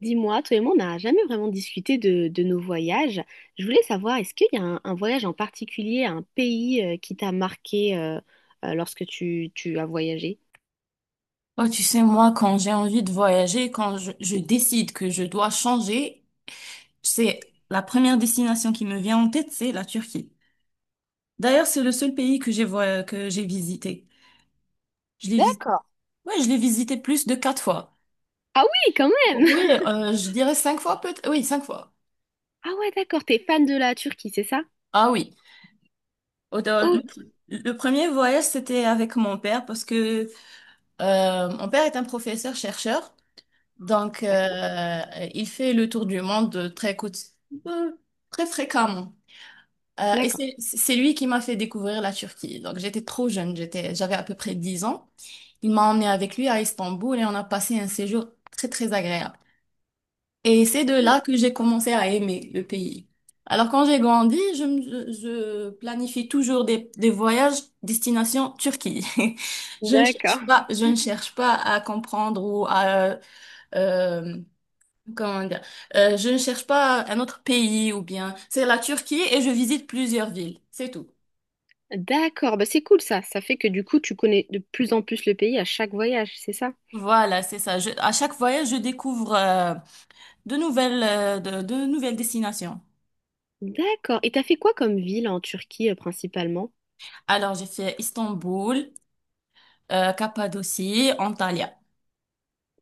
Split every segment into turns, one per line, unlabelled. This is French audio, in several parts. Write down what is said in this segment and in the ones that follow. Dis-moi, toi et moi, on n'a jamais vraiment discuté de nos voyages. Je voulais savoir, est-ce qu'il y a un voyage en particulier, un pays qui t'a marqué lorsque tu as voyagé?
Oh, tu sais, moi, quand j'ai envie de voyager, quand je décide que je dois changer, c'est la première destination qui me vient en tête, c'est la Turquie. D'ailleurs, c'est le seul pays que que j'ai visité. Je l'ai visité,
D'accord.
ouais, je l'ai visité plus de 4 fois.
Ah oui, quand
Oh,
même!
oui, je dirais 5 fois peut-être. Oui, 5 fois.
Ah ouais, d'accord, t'es fan de la Turquie, c'est ça?
Ah oui. Dans
Ok.
le premier voyage, c'était avec mon père, parce que mon père est un professeur chercheur, donc
D'accord.
il fait le tour du monde euh, très fréquemment. Et
D'accord.
c'est lui qui m'a fait découvrir la Turquie. Donc j'étais trop jeune, j'étais, j'avais à peu près 10 ans. Il m'a emmené avec lui à Istanbul et on a passé un séjour très très agréable. Et c'est de là
Oh,
que j'ai commencé à aimer le pays. Alors quand j'ai grandi, je planifie toujours des voyages destination Turquie. Je ne
d'accord.
cherche pas, je ne cherche pas à comprendre ou à euh, comment dire, je ne cherche pas un autre pays, ou bien c'est la Turquie et je visite plusieurs villes, c'est tout.
D'accord, bah c'est cool ça. Ça fait que du coup, tu connais de plus en plus le pays à chaque voyage, c'est ça?
Voilà, c'est ça. À chaque voyage, je découvre de nouvelles, de nouvelles destinations.
D'accord. Et t'as fait quoi comme ville en Turquie principalement?
Alors, j'ai fait Istanbul, Cappadocie, Antalya.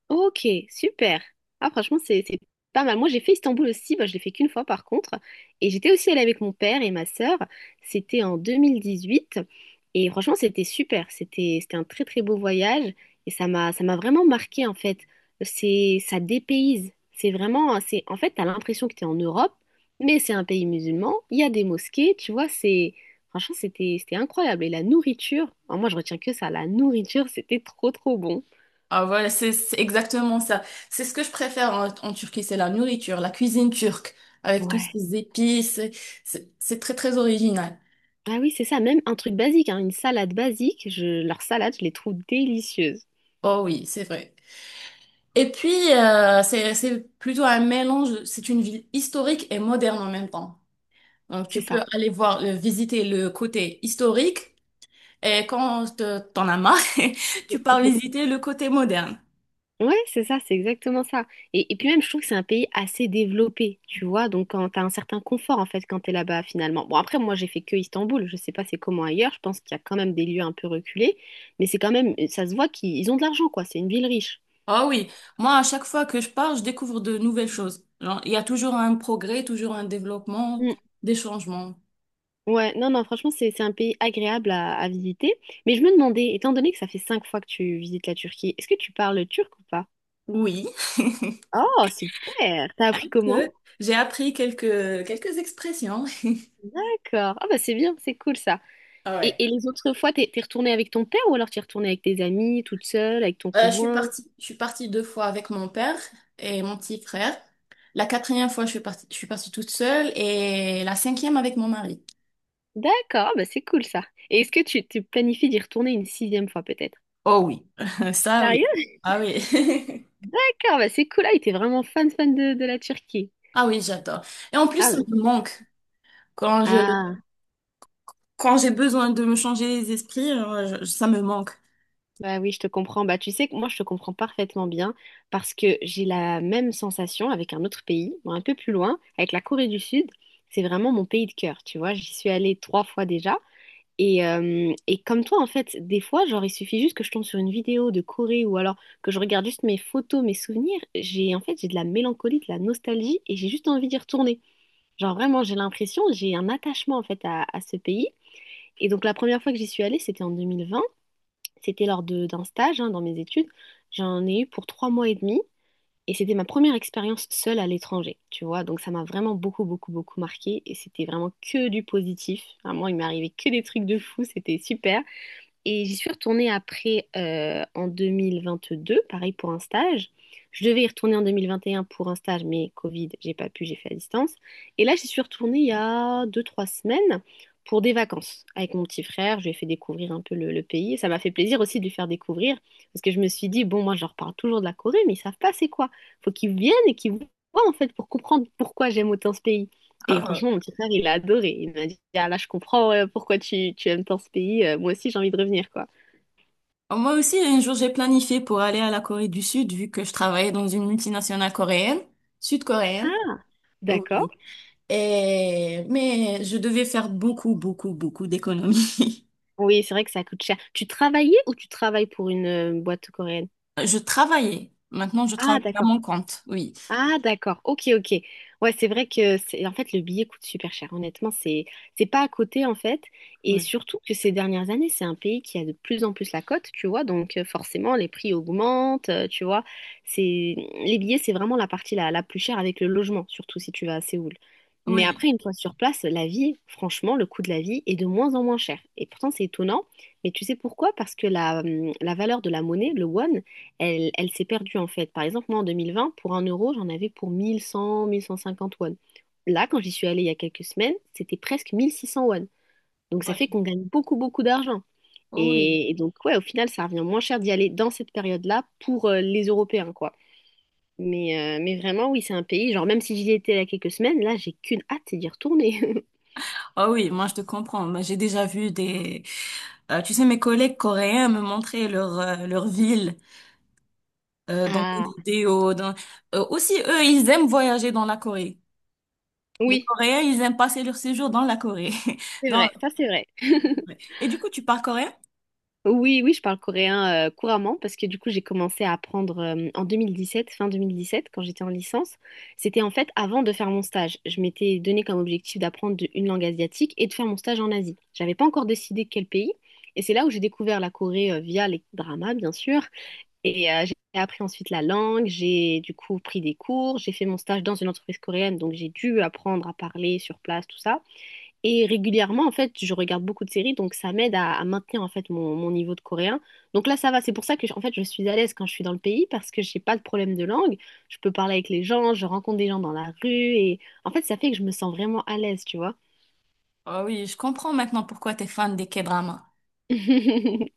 Ok, super. Ah, franchement, c'est pas mal. Moi, j'ai fait Istanbul aussi. Bah, je l'ai fait qu'une fois, par contre. Et j'étais aussi allée avec mon père et ma sœur. C'était en 2018. Et franchement, c'était super. C'était un très, très beau voyage. Et ça m'a vraiment marqué, en fait. C'est ça dépayse. C'est en fait, t'as l'impression que t'es en Europe, mais c'est un pays musulman. Il y a des mosquées, tu vois. C'est Franchement, c'était incroyable. Et la nourriture, alors moi, je retiens que ça. La nourriture, c'était trop, trop bon.
Ah voilà, c'est exactement ça. C'est ce que je préfère en Turquie, c'est la nourriture, la cuisine turque, avec tous
Ouais.
ces épices. C'est très, très original.
Ah oui, c'est ça, même un truc basique, hein, une salade basique, leurs salades, je les trouve délicieuses.
Oh oui, c'est vrai. Et puis, c'est plutôt un mélange, c'est une ville historique et moderne en même temps. Donc,
C'est
tu peux
ça.
aller voir, visiter le côté historique. Et quand t'en as marre, tu pars visiter le côté moderne.
Ouais, c'est ça, c'est exactement ça. Et puis même, je trouve que c'est un pays assez développé, tu vois, donc quand t'as un certain confort, en fait, quand t'es là-bas, finalement. Bon, après, moi, j'ai fait que Istanbul, je sais pas c'est comment ailleurs, je pense qu'il y a quand même des lieux un peu reculés, mais c'est quand même, ça se voit qu'ils ont de l'argent, quoi, c'est une ville riche.
Ah oui, moi à chaque fois que je pars, je découvre de nouvelles choses. Genre, il y a toujours un progrès, toujours un développement,
Mm.
des changements.
Ouais, non, non, franchement, c'est un pays agréable à visiter, mais je me demandais, étant donné que ça fait cinq fois que tu visites la Turquie, est-ce que tu parles turc ou pas?
Oui,
Oh, super! T'as appris
que
comment?
j'ai appris quelques expressions.
D'accord. Ah bah c'est bien, c'est cool ça.
Ah
Et,
ouais.
et les autres fois, t'es retournée avec ton père ou alors t'es retournée avec tes amis, toute seule, avec ton
Je suis
conjoint?
partie, je suis partie 2 fois avec mon père et mon petit frère. La quatrième fois, je suis partie toute seule, et la cinquième avec mon mari.
D'accord, ah bah c'est cool ça. Et est-ce que tu planifies d'y retourner une sixième fois peut-être?
Oh oui, ça oui.
Sérieux?
Ah oui.
D'accord, bah c'est cool. Ah, il était vraiment fan, fan de la Turquie.
Ah oui, j'adore. Et en plus,
Ah,
ça
ouais.
me manque. Quand je,
Ah.
quand j'ai besoin de me changer les esprits, ça me manque.
Bah oui, je te comprends. Bah, tu sais que moi, je te comprends parfaitement bien parce que j'ai la même sensation avec un autre pays, bon, un peu plus loin, avec la Corée du Sud. C'est vraiment mon pays de cœur, tu vois. J'y suis allée trois fois déjà. Et comme toi, en fait, des fois, genre, il suffit juste que je tombe sur une vidéo de Corée ou alors que je regarde juste mes photos, mes souvenirs. En fait, j'ai de la mélancolie, de la nostalgie et j'ai juste envie d'y retourner. Genre, vraiment, j'ai l'impression, j'ai un attachement, en fait, à ce pays. Et donc, la première fois que j'y suis allée, c'était en 2020. C'était d'un stage hein, dans mes études. J'en ai eu pour 3 mois et demi et c'était ma première expérience seule à l'étranger, tu vois. Donc ça m'a vraiment beaucoup, beaucoup, beaucoup marqué et c'était vraiment que du positif. Vraiment, il m'est arrivé que des trucs de fou, c'était super. Et j'y suis retournée après en 2022, pareil pour un stage. Je devais y retourner en 2021 pour un stage, mais Covid, j'ai pas pu, j'ai fait à distance. Et là, j'y suis retournée il y a deux-trois semaines pour des vacances avec mon petit frère. Je lui ai fait découvrir un peu le pays. Ça m'a fait plaisir aussi de lui faire découvrir parce que je me suis dit, bon, moi, je leur parle toujours de la Corée, mais ils savent pas c'est quoi. Faut qu'ils viennent et qu'ils voient en fait pour comprendre pourquoi j'aime autant ce pays. Et franchement, mon petit frère, il a adoré. Il m'a dit, ah là, je comprends pourquoi tu aimes tant ce pays. Moi aussi, j'ai envie de revenir, quoi.
Moi aussi, un jour, j'ai planifié pour aller à la Corée du Sud, vu que je travaillais dans une multinationale coréenne, sud-coréenne.
Ah, d'accord.
Oui. Et, mais je devais faire beaucoup, beaucoup, beaucoup d'économies.
Oui, c'est vrai que ça coûte cher. Tu travaillais ou tu travailles pour une boîte coréenne?
Je travaillais. Maintenant, je
Ah,
travaille à
d'accord.
mon compte. Oui.
Ah d'accord, ok ok. Ouais c'est vrai que c'est en fait le billet coûte super cher. Honnêtement c'est pas à côté en fait, et
Oui.
surtout que ces dernières années c'est un pays qui a de plus en plus la cote tu vois donc forcément les prix augmentent tu vois, c'est les billets c'est vraiment la partie la plus chère avec le logement surtout si tu vas à Séoul. Mais
Oui.
après une fois sur place la vie franchement le coût de la vie est de moins en moins cher et pourtant c'est étonnant, mais tu sais pourquoi? Parce que la valeur de la monnaie le won elle s'est perdue en fait. Par exemple, moi en 2020, pour un euro, j'en avais pour 1100, 1150 won. Là, quand j'y suis allée il y a quelques semaines, c'était presque 1600 won. Donc ça fait qu'on gagne beaucoup, beaucoup d'argent.
Oui.
Et donc, ouais, au final, ça revient moins cher d'y aller dans cette période-là pour les Européens, quoi. Mais vraiment, oui, c'est un pays. Genre, même si j'y étais il y a quelques semaines, là, j'ai qu'une hâte, c'est d'y retourner.
Ah oui, moi je te comprends. Moi, j'ai déjà vu des, tu sais, mes collègues coréens me montraient leur leur ville dans des
Ah,
vidéos. Dans... Aussi, eux, ils aiment voyager dans la Corée. Les
oui,
Coréens, ils aiment passer leur séjour dans la Corée.
c'est
Dans...
vrai, ça c'est vrai.
Et du coup, tu parles coréen?
Oui, oui, je parle coréen couramment parce que du coup, j'ai commencé à apprendre en 2017, fin 2017, quand j'étais en licence. C'était en fait avant de faire mon stage. Je m'étais donné comme objectif d'apprendre une langue asiatique et de faire mon stage en Asie. J'avais pas encore décidé quel pays. Et c'est là où j'ai découvert la Corée via les dramas, bien sûr. Et j'ai appris ensuite la langue. J'ai du coup pris des cours. J'ai fait mon stage dans une entreprise coréenne, donc j'ai dû apprendre à parler sur place, tout ça. Et régulièrement, en fait, je regarde beaucoup de séries, donc ça m'aide à maintenir en fait mon niveau de coréen. Donc là, ça va. C'est pour ça que en fait, je suis à l'aise quand je suis dans le pays parce que j'ai pas de problème de langue. Je peux parler avec les gens, je rencontre des gens dans la rue et en fait, ça fait que je me sens vraiment à l'aise, tu vois.
Ah oui, je comprends maintenant pourquoi t'es fan des K-dramas.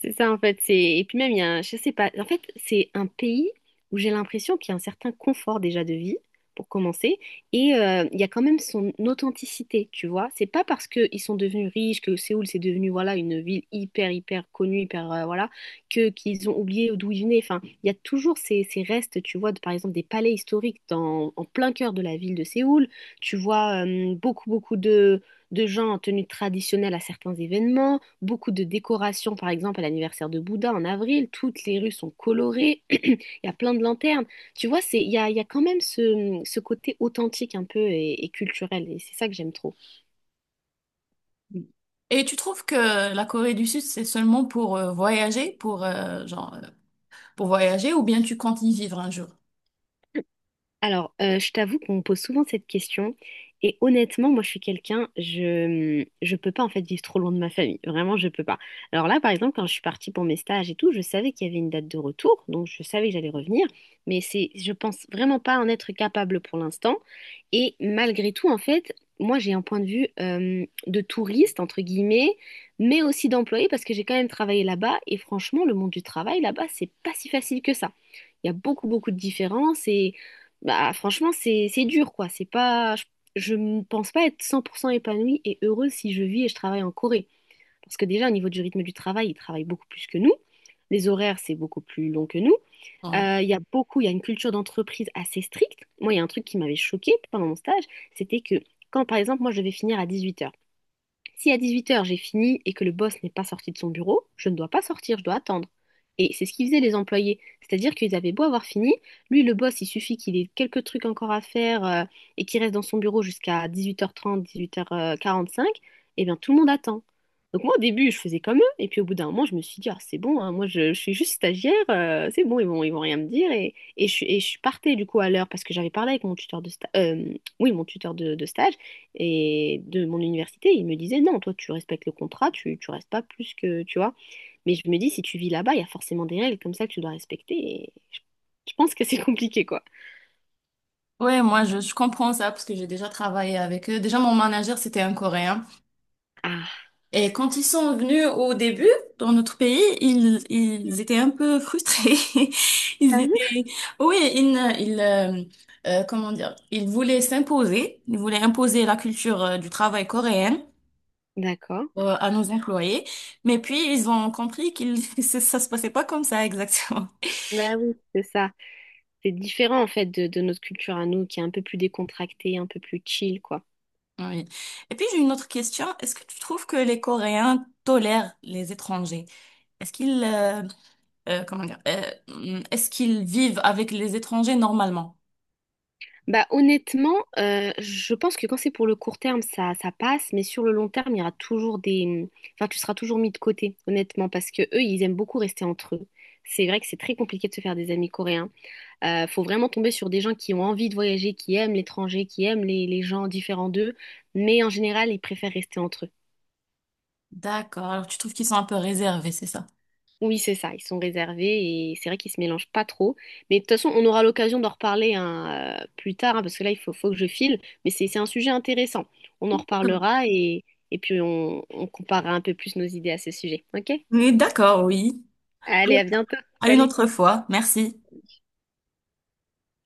C'est ça en fait, c'est et puis même il y a un... je sais pas, en fait, c'est un pays où j'ai l'impression qu'il y a un certain confort déjà de vie pour commencer et il y a quand même son authenticité, tu vois. C'est pas parce qu'ils sont devenus riches que Séoul c'est devenu voilà une ville hyper hyper connue, hyper voilà, que qu'ils ont oublié d'où ils venaient. Enfin, il y a toujours ces restes, tu vois, de, par exemple des palais historiques dans en plein cœur de la ville de Séoul. Tu vois beaucoup beaucoup de gens en tenue traditionnelle à certains événements, beaucoup de décorations, par exemple à l'anniversaire de Bouddha en avril, toutes les rues sont colorées, il y a plein de lanternes. Tu vois, c'est, il y a quand même ce côté authentique un peu et culturel, et c'est ça que j'aime trop.
Et tu trouves que la Corée du Sud, c'est seulement pour voyager, pour genre pour voyager, ou bien tu comptes y vivre un jour?
Alors, je t'avoue qu'on me pose souvent cette question. Et honnêtement, moi, je suis quelqu'un, je peux pas en fait vivre trop loin de ma famille. Vraiment, je peux pas. Alors là, par exemple, quand je suis partie pour mes stages et tout, je savais qu'il y avait une date de retour, donc je savais que j'allais revenir. Mais c'est. Je pense vraiment pas en être capable pour l'instant. Et malgré tout, en fait, moi, j'ai un point de vue de touriste entre guillemets, mais aussi d'employé parce que j'ai quand même travaillé là-bas. Et franchement, le monde du travail là-bas, c'est pas si facile que ça. Il y a beaucoup, beaucoup de différences et bah, franchement, c'est dur, quoi. C'est pas. Je ne pense pas être 100% épanouie et heureuse si je vis et je travaille en Corée. Parce que déjà, au niveau du rythme du travail, ils travaillent beaucoup plus que nous. Les horaires, c'est beaucoup plus long que nous.
Ouais.
Il y a une culture d'entreprise assez stricte. Moi, il y a un truc qui m'avait choquée pendant mon stage, c'était que quand, par exemple, moi, je devais finir à 18 heures, si à 18h j'ai fini et que le boss n'est pas sorti de son bureau, je ne dois pas sortir, je dois attendre. Et c'est ce qu'ils faisaient les employés. C'est-à-dire qu'ils avaient beau avoir fini, lui le boss, il suffit qu'il ait quelques trucs encore à faire et qu'il reste dans son bureau jusqu'à 18h30, 18h45, et bien tout le monde attend. Donc moi au début je faisais comme eux, et puis au bout d'un moment je me suis dit, ah, c'est bon, hein, moi je suis juste stagiaire, c'est bon, ils vont rien me dire. Et je partais du coup à l'heure parce que j'avais parlé avec mon tuteur de stage, oui, mon tuteur de stage et de mon université, ils me disaient non, toi tu respectes le contrat, tu restes pas plus que, tu vois. Mais je me dis, si tu vis là-bas, il y a forcément des règles comme ça que tu dois respecter. Et je pense que c'est compliqué, quoi.
Ouais, moi je comprends ça parce que j'ai déjà travaillé avec eux. Déjà mon manager, c'était un Coréen,
Ah,
et quand ils sont venus au début dans notre pays, ils étaient un peu frustrés. Ils
sérieux?
étaient Oui, ils ne- ils comment dire, ils voulaient s'imposer, ils voulaient imposer la culture du travail coréenne
D'accord.
à nos employés, mais puis ils ont compris qu'ils ça se passait pas comme ça exactement.
Bah oui, c'est ça. C'est différent en fait de notre culture à nous, qui est un peu plus décontractée, un peu plus chill, quoi.
Oui. Et puis j'ai une autre question. Est-ce que tu trouves que les Coréens tolèrent les étrangers? Est-ce qu'ils comment dire, est-ce qu'ils vivent avec les étrangers normalement?
Bah honnêtement, je pense que quand c'est pour le court terme, ça passe, mais sur le long terme, il y aura toujours des. Enfin, tu seras toujours mis de côté, honnêtement, parce que eux, ils aiment beaucoup rester entre eux. C'est vrai que c'est très compliqué de se faire des amis coréens. Faut vraiment tomber sur des gens qui ont envie de voyager, qui aiment l'étranger, qui aiment les gens différents d'eux, mais en général, ils préfèrent rester entre eux.
D'accord. Alors tu trouves qu'ils sont un peu réservés, c'est ça?
Oui, c'est ça, ils sont réservés et c'est vrai qu'ils se mélangent pas trop. Mais de toute façon, on aura l'occasion d'en reparler hein, plus tard, hein, parce que là, il faut que je file, mais c'est un sujet intéressant. On en
D'accord.
reparlera et puis on comparera un peu plus nos idées à ce sujet. OK?
Oui, d'accord, oui.
Allez, à bientôt.
À une
Salut!
autre fois. Merci.